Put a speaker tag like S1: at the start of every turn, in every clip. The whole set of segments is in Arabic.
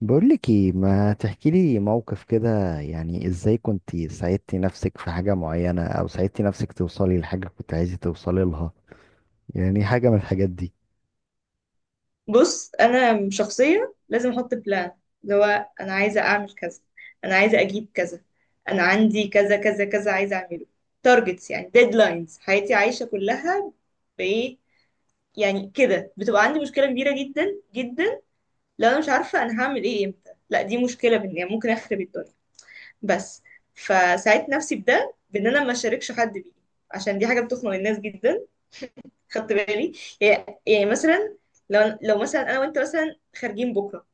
S1: بقولك ايه، ما تحكيلي موقف كده؟ يعني ازاي كنت ساعدتي نفسك في حاجة معينة، او ساعدتي نفسك توصلي لحاجة كنت عايزة توصلي لها؟ يعني حاجة من الحاجات دي.
S2: بص، انا شخصيه لازم احط بلان. اللي هو انا عايزه اعمل كذا، انا عايزه اجيب كذا، انا عندي كذا كذا كذا عايزه اعمله. تارجتس، يعني ديدلاينز. حياتي عايشه كلها بايه؟ يعني كده بتبقى عندي مشكله كبيره جدا جدا لو انا مش عارفه انا هعمل ايه امتى. لا دي مشكله، بان يعني ممكن اخرب الدنيا. بس. فساعدت نفسي بده، بان انا ما اشاركش حد بيه، عشان دي حاجه بتخنق الناس جدا. خدت بالي. يعني مثلا، لو مثلا انا وانت مثلا خارجين بكره،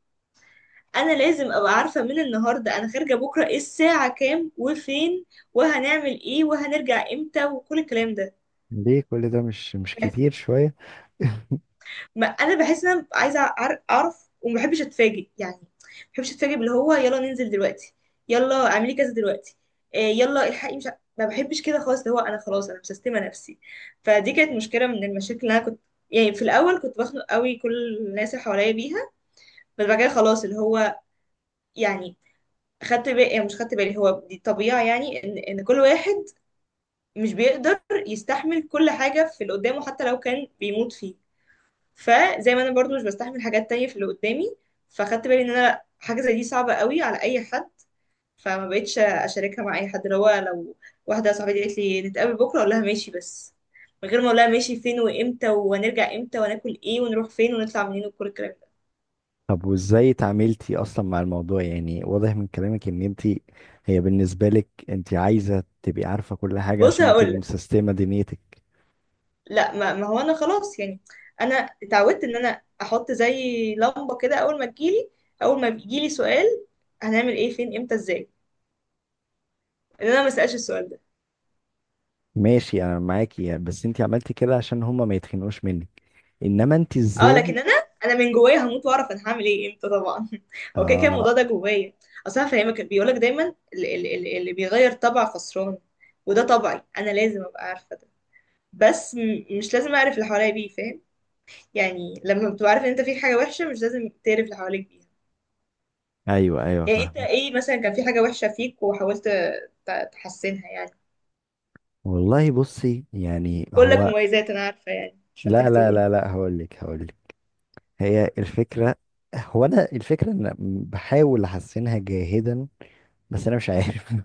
S2: انا لازم ابقى عارفه من النهارده انا خارجه بكره ايه الساعه كام وفين، وهنعمل ايه وهنرجع امتى وكل الكلام ده.
S1: ليه كل ده؟ مش كتير شوية؟
S2: ما انا بحس ان انا عايزه اعرف، وما بحبش اتفاجئ يعني. ما بحبش اتفاجئ باللي هو يلا ننزل دلوقتي، يلا اعملي كذا دلوقتي، آه، يلا الحقي. مش ع- ما بحبش كده خالص، اللي هو انا خلاص انا مستسلمه نفسي. فدي كانت مشكله من المشاكل اللي انا كنت يعني. في الاول كنت بخنق قوي كل الناس اللي حواليا بيها. بس بعد كده خلاص، اللي هو يعني، خدت بالي. يعني مش خدت بالي، هو دي طبيعة يعني ان كل واحد مش بيقدر يستحمل كل حاجة في اللي قدامه، حتى لو كان بيموت فيه. فزي ما انا برضو مش بستحمل حاجات تانية في اللي قدامي، فخدت بالي ان انا حاجة زي دي صعبة قوي على اي حد. فما بقتش اشاركها مع اي حد. اللي هو لو واحدة صاحبتي قالت لي نتقابل بكرة، اقول لها ماشي بس، من غير ما اقول لها ماشي فين وامتى وهنرجع امتى وناكل ايه ونروح فين ونطلع منين وكل الكلام ده.
S1: طب وازاي اتعاملتي اصلا مع الموضوع؟ يعني واضح من كلامك ان انت، هي بالنسبة لك انت عايزة تبقي عارفة كل حاجة
S2: بص
S1: عشان تبقي
S2: هقول،
S1: مسيستمة دنيتك.
S2: لا ما هو انا خلاص يعني. انا اتعودت ان انا احط زي لمبه كده، اول ما تجيلي، اول ما بيجيلي سؤال هنعمل ايه فين امتى ازاي، ان انا ما اسالش السؤال ده.
S1: ماشي، انا معاكي، يعني بس انت عملتي كده عشان هما ما يتخنقوش منك، انما انت
S2: اه
S1: ازاي؟
S2: لكن انا من جوايا هموت واعرف انا هعمل ايه امتى طبعا هو كده كده
S1: اه،
S2: الموضوع ده جوايا. اصل انا فاهمك. بيقولك دايما اللي بيغير طبع خسران. وده طبعي، انا لازم ابقى عارفه ده. بس مش لازم اعرف اللي حواليا بيه، فاهم؟ يعني لما بتبقى عارف ان انت فيك حاجه وحشه مش لازم تعرف اللي حواليك بيه.
S1: ايوه ايوه،
S2: يعني انت
S1: فاهم.
S2: ايه مثلا كان في حاجة وحشة فيك وحاولت تحسنها يعني؟
S1: والله بصي، يعني
S2: كلك
S1: هو،
S2: مميزات انا عارفة يعني، مش محتاج
S1: لا لا
S2: تقول.
S1: لا لا، هقول لك هقول لك. هي الفكرة، هو انا الفكرة ان أنا بحاول احسنها جاهدا، بس انا مش عارف.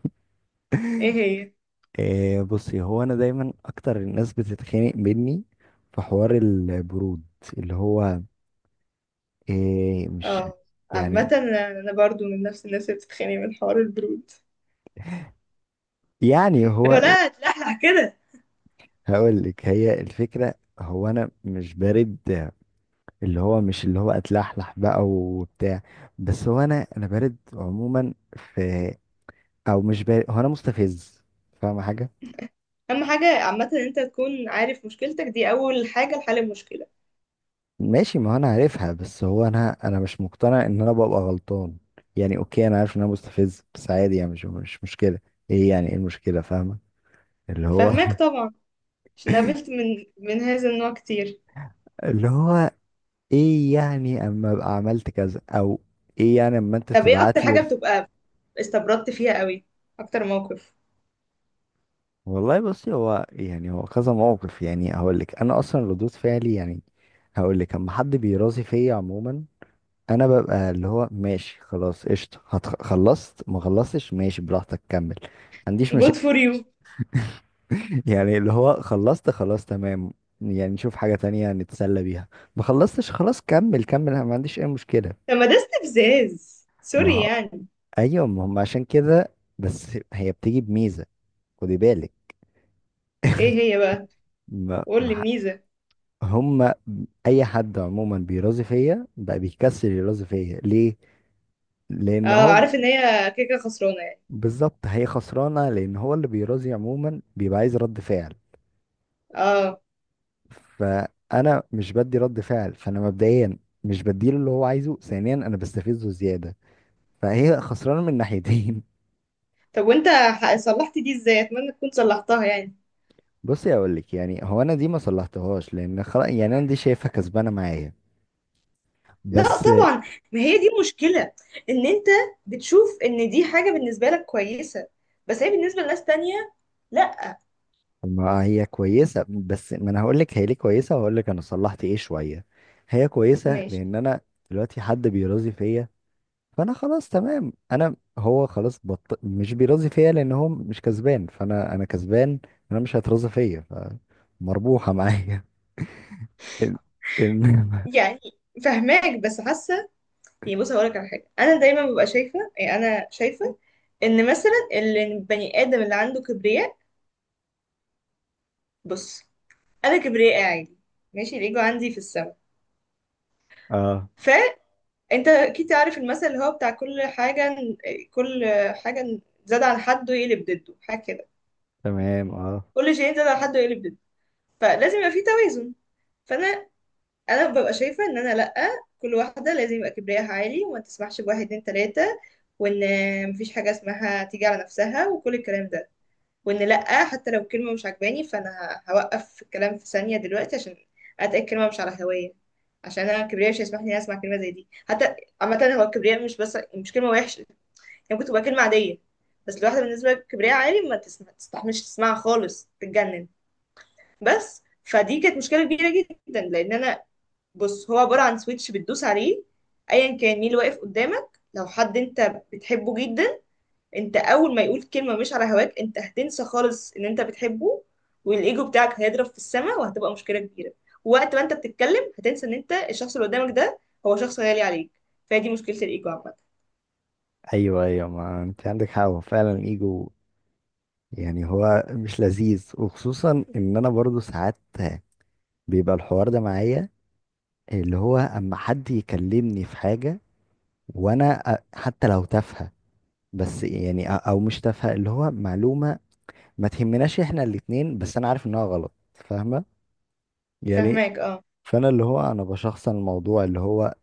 S2: ايه هي؟
S1: إيه بصي، هو انا دايما اكتر الناس بتتخانق مني في حوار البرود، اللي هو، إيه مش،
S2: اه. عامة
S1: يعني
S2: انا برضو من نفس الناس اللي بتتخانق من حوار البرود.
S1: يعني
S2: لو
S1: هو،
S2: لا تلحلح كده.
S1: هقول لك هي الفكرة. هو انا مش بارد، اللي هو مش اللي هو اتلحلح بقى وبتاع، بس هو انا بارد عموما في، او مش بارد، هو انا مستفز، فاهم حاجه؟
S2: اهم حاجة عامة ان انت تكون عارف مشكلتك دي، اول حاجة لحل المشكلة.
S1: ماشي، ما هو انا عارفها، بس هو انا مش مقتنع ان انا ببقى غلطان. يعني اوكي، انا عارف ان انا مستفز، بس عادي يعني، مش مشكله. ايه يعني؟ ايه المشكله فاهمه؟ اللي هو.
S2: فهماك طبعا، عشان قابلت من هذا النوع كتير.
S1: اللي هو، ايه يعني اما ابقى عملت كذا، او ايه يعني اما انت
S2: طب ايه اكتر
S1: تبعت لي.
S2: حاجة بتبقى استبردت فيها قوي، اكتر موقف؟
S1: والله بصي، هو يعني، هو كذا موقف. يعني هقول لك انا اصلا ردود فعلي، يعني هقول لك اما حد بيراضي فيا عموما، انا ببقى اللي هو ماشي، خلاص قشطه، خلصت ما خلصتش، ماشي براحتك، كمل، ما عنديش
S2: good
S1: مشاكل.
S2: for you.
S1: يعني اللي هو خلصت، خلاص تمام، يعني نشوف حاجه تانية نتسلى بيها. ما خلصتش، خلاص كمل كمل، أنا ما عنديش اي مشكله.
S2: طب ما ده استفزاز،
S1: ما
S2: سوري
S1: هو-
S2: يعني.
S1: ايوه، ما هم عشان كده، بس هي بتيجي بميزه. خدي بالك.
S2: ايه هي بقى؟
S1: ما
S2: قول لي
S1: ما
S2: الميزة.
S1: هما اي حد عموما بيرازي فيا بقى بيكسل، يرازي فيا ليه؟ لان
S2: اه،
S1: هو،
S2: عارف ان هي كده كده خسرانة يعني.
S1: بالظبط، هي خسرانه لان هو اللي بيرازي عموما بيبقى عايز رد فعل.
S2: اه.
S1: فانا مش بدي رد فعل، فانا مبدئيا مش بديله اللي هو عايزه، ثانيا انا بستفزه زياده، فهي خسرانه من ناحيتين.
S2: طب وانت صلحت دي ازاي؟ اتمنى تكون صلحتها يعني.
S1: بصي اقول لك، يعني هو انا دي ما صلحتهاش، لان خلاص يعني انا دي شايفها كسبانه معايا،
S2: لا
S1: بس.
S2: طبعا. ما هي دي مشكلة، ان انت بتشوف ان دي حاجة بالنسبة لك كويسة، بس هي بالنسبة لناس تانية لا.
S1: ما هي كويسة، بس ما انا هقول لك هي ليه كويسة، وهقول لك انا صلحت ايه شوية. هي كويسة
S2: ماشي
S1: لان انا دلوقتي حد بيراضي فيا فانا خلاص تمام. انا هو خلاص مش بيراضي فيا لان هو مش كسبان، فانا انا كسبان، انا مش هيتراضى فيا، فمربوحة معايا. إن- إن-
S2: يعني. فهماك بس حاسة يعني. بص هقولك على حاجة. انا دايما ببقى شايفة، يعني انا شايفة ان مثلا البني ادم اللي عنده كبرياء، بص. انا كبرياء عادي، ماشي، الايجو عندي في السماء.
S1: اه
S2: انت اكيد عارف المثل اللي هو بتاع كل حاجة. كل حاجة زاد عن حده يقلب ضده، حاجة كده.
S1: تمام اه.
S2: كل شيء زاد عن حده يقلب ضده. فلازم يبقى في توازن. فانا ببقى شايفة ان انا لأ. كل واحدة لازم يبقى كبرياءها عالي، وما تسمحش بواحد اتنين تلاتة، وان مفيش حاجة اسمها تيجي على نفسها وكل الكلام ده. وان لأ، حتى لو كلمة مش عجباني فانا هوقف في الكلام في ثانية دلوقتي، عشان اتأكد كلمة مش على هواية. عشان انا كبرياء مش هيسمح لي اسمع كلمة زي دي حتى. عامة هو الكبرياء مش بس مش كلمة وحشة، يعني ممكن تبقى كلمة عادية، بس لواحدة بالنسبة لكبرياء عالي ما تسمع تستحملش، تسمعها خالص تتجنن. بس فدي كانت مشكلة كبيرة جدا لأن أنا، بص، هو عبارة عن سويتش بتدوس عليه. أيا كان مين اللي واقف قدامك، لو حد أنت بتحبه جدا، أنت أول ما يقول كلمة مش على هواك أنت هتنسى خالص إن أنت بتحبه، والإيجو بتاعك هيضرب في السماء، وهتبقى مشكلة كبيرة. ووقت ما أنت بتتكلم هتنسى إن أنت، الشخص اللي قدامك ده هو شخص غالي عليك. فهي دي مشكلة الإيجو عامة.
S1: ايوه ايوه، ما انت عندك حق، هو فعلا ايجو. يعني هو مش لذيذ، وخصوصا ان انا برضو ساعات بيبقى الحوار ده معايا، اللي هو اما حد يكلمني في حاجة، وانا حتى لو تافهة، بس يعني او مش تافهة اللي هو معلومة ما تهمناش احنا الاتنين، بس انا عارف انها غلط، فاهمة يعني؟
S2: فاهماك اه،
S1: فانا اللي هو انا بشخصن الموضوع، اللي هو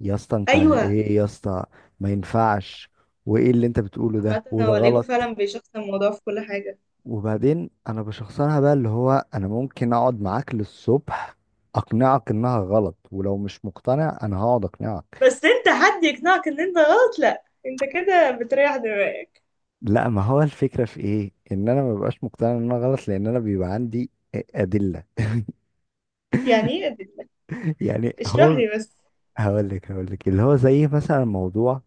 S1: يا اسطى انت
S2: ايوه.
S1: ايه يا اسطى، ما ينفعش، وايه اللي انت بتقوله ده،
S2: عامة
S1: وده
S2: هو ليجو
S1: غلط.
S2: فعلا بيشخصن الموضوع في كل حاجة.
S1: وبعدين انا بشخصنها بقى، اللي هو انا ممكن اقعد معاك للصبح اقنعك انها غلط، ولو مش مقتنع انا هقعد اقنعك.
S2: بس انت حد يقنعك ان انت غلط لا، انت كده بتريح دماغك.
S1: لا، ما هو الفكرة في ايه، ان انا ما ببقاش مقتنع ان انا غلط لان انا بيبقى عندي ادلة.
S2: يعني ايه ادلك؟
S1: يعني
S2: اشرح
S1: هو،
S2: لي بس.
S1: هقول لك هقول لك، اللي هو زي مثلا موضوع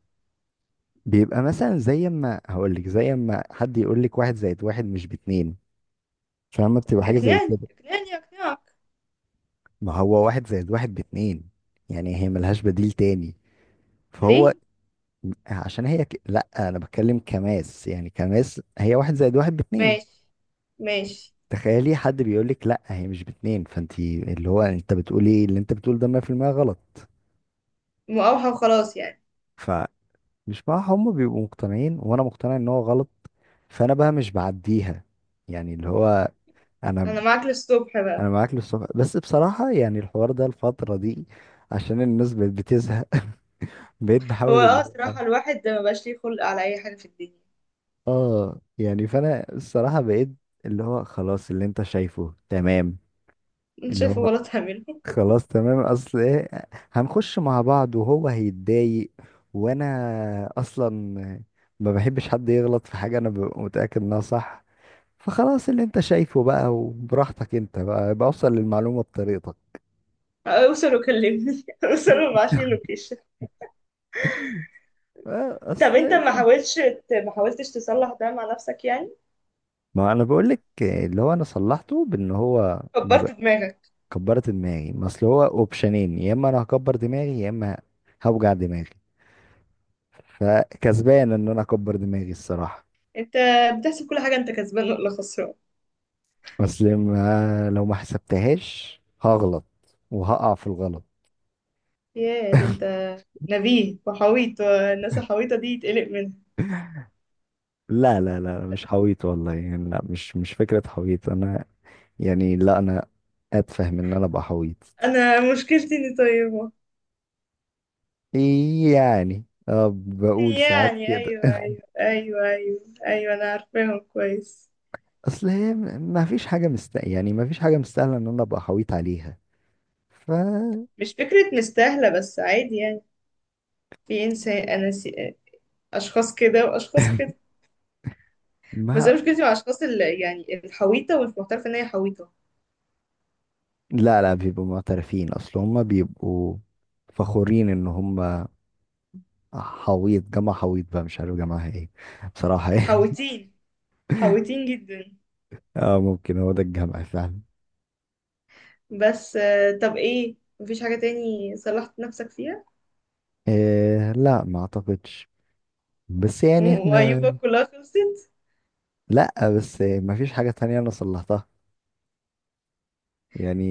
S1: بيبقى مثلا، زي ما هقول لك زي ما حد يقول لك واحد زائد واحد مش باتنين، فاهمة؟ بتبقى حاجة زي
S2: اقنعني
S1: كده.
S2: اقنعني اقنعك
S1: ما هو واحد زائد واحد باتنين، يعني هي ملهاش بديل تاني. فهو
S2: ليه.
S1: عشان هي لا انا بتكلم كماس، يعني كماس هي واحد زائد واحد باتنين.
S2: ماشي، ماشي.
S1: تخيلي حد بيقولك لا هي مش باتنين، فانتي اللي هو انت بتقولي ايه اللي انت بتقوله ده 100% غلط.
S2: مقاوحة وخلاص يعني.
S1: فمش، مع هم بيبقوا مقتنعين وانا مقتنع ان هو غلط، فانا بقى مش بعديها. يعني اللي هو انا،
S2: انا معاك للصبح بقى.
S1: انا معاك للصبح، بس بصراحة يعني الحوار ده الفترة دي عشان الناس بقت بتزهق. بقيت
S2: هو
S1: بحاول اللي
S2: اه،
S1: هو،
S2: صراحة الواحد ده مبقاش ليه خلق على اي حاجة في الدنيا.
S1: اه يعني فانا الصراحة بقيت اللي هو، خلاص اللي انت شايفه تمام.
S2: انت
S1: اللي
S2: شايفه
S1: هو
S2: غلط هعمله.
S1: خلاص تمام، اصل ايه، هنخش مع بعض وهو هيتضايق، وانا اصلا ما بحبش حد يغلط في حاجة انا ببقى متأكد انها صح. فخلاص اللي انت شايفه بقى، وبراحتك انت بقى بوصل للمعلومة بطريقتك.
S2: اوصل وكلمني اوصل وابعتلي اللوكيشن.
S1: آه،
S2: طب انت
S1: اصل
S2: ما حاولتش تصلح ده مع نفسك يعني؟
S1: ما انا بقول لك اللي هو انا صلحته بان هو ما
S2: كبرت
S1: بق-
S2: دماغك.
S1: كبرت دماغي. ما اصل هو اوبشنين، يا اما انا هكبر دماغي، يا اما هوجع دماغي، فكسبان ان انا اكبر دماغي الصراحة.
S2: انت بتحسب كل حاجة انت كسبان ولا خسران؟
S1: اصل ما لو ما حسبتهاش هغلط وهقع في الغلط.
S2: ياه، ده انت نبيه وحويط، والناس الحويطة دي يتقلق منها.
S1: لا لا لا، مش حويط والله، يعني لا، مش فكرة حويط انا، يعني لا انا اتفهم ان انا ابقى حويط،
S2: انا مشكلتي اني طيبة.
S1: يعني اه بقول ساعات
S2: يعني
S1: كده.
S2: ايوه ايوه ايوه ايوه ايوه، انا عارفاهم كويس.
S1: اصل هي ما فيش حاجة مست، يعني ما فيش حاجة مستاهلة ان انا ابقى حويط عليها. ف.
S2: مش فكرة مستاهلة بس عادي يعني. في انسان اشخاص كده واشخاص كده. بس انا
S1: ما
S2: مشكلتي مع اشخاص اللي يعني الحويطة ومش معترفة ان هي حويطة.
S1: لا لا، بيبقوا معترفين، اصل هم بيبقوا فخورين ان هم حويط، جامعة حويط بقى، مش عارف جامعة ايه بصراحة. يعني
S2: حويتين، حويتين جدا.
S1: اه، ممكن هو ده الجمع فعلا.
S2: بس طب ايه، مفيش حاجة تاني صلحت نفسك فيها؟
S1: إيه لا، ما اعتقدش. بس يعني احنا،
S2: وأيوبك كلها خلصت.
S1: لا بس ما فيش حاجة تانية انا صلحتها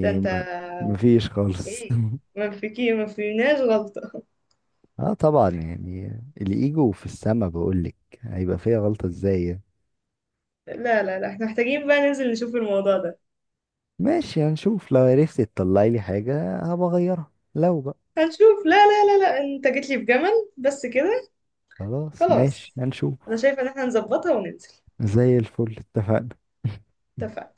S2: ده انت،
S1: ما، ما فيش خالص.
S2: ايه؟ ما فيناش غلطة.
S1: اه طبعا يعني، الايجو في السما بقولك، هيبقى فيها غلطة ازاي يعني.
S2: لا لا لا، احنا محتاجين بقى ننزل نشوف الموضوع ده.
S1: ماشي، هنشوف لو عرفت تطلعي لي حاجة هبقى اغيرها لو بقى.
S2: هنشوف. لا لا لا لا، انت جيت لي بجمل بس كده.
S1: خلاص ماشي
S2: خلاص.
S1: هنشوف.
S2: انا شايفة ان احنا نظبطها وننزل.
S1: زي الفل، اتفقنا.
S2: اتفقنا.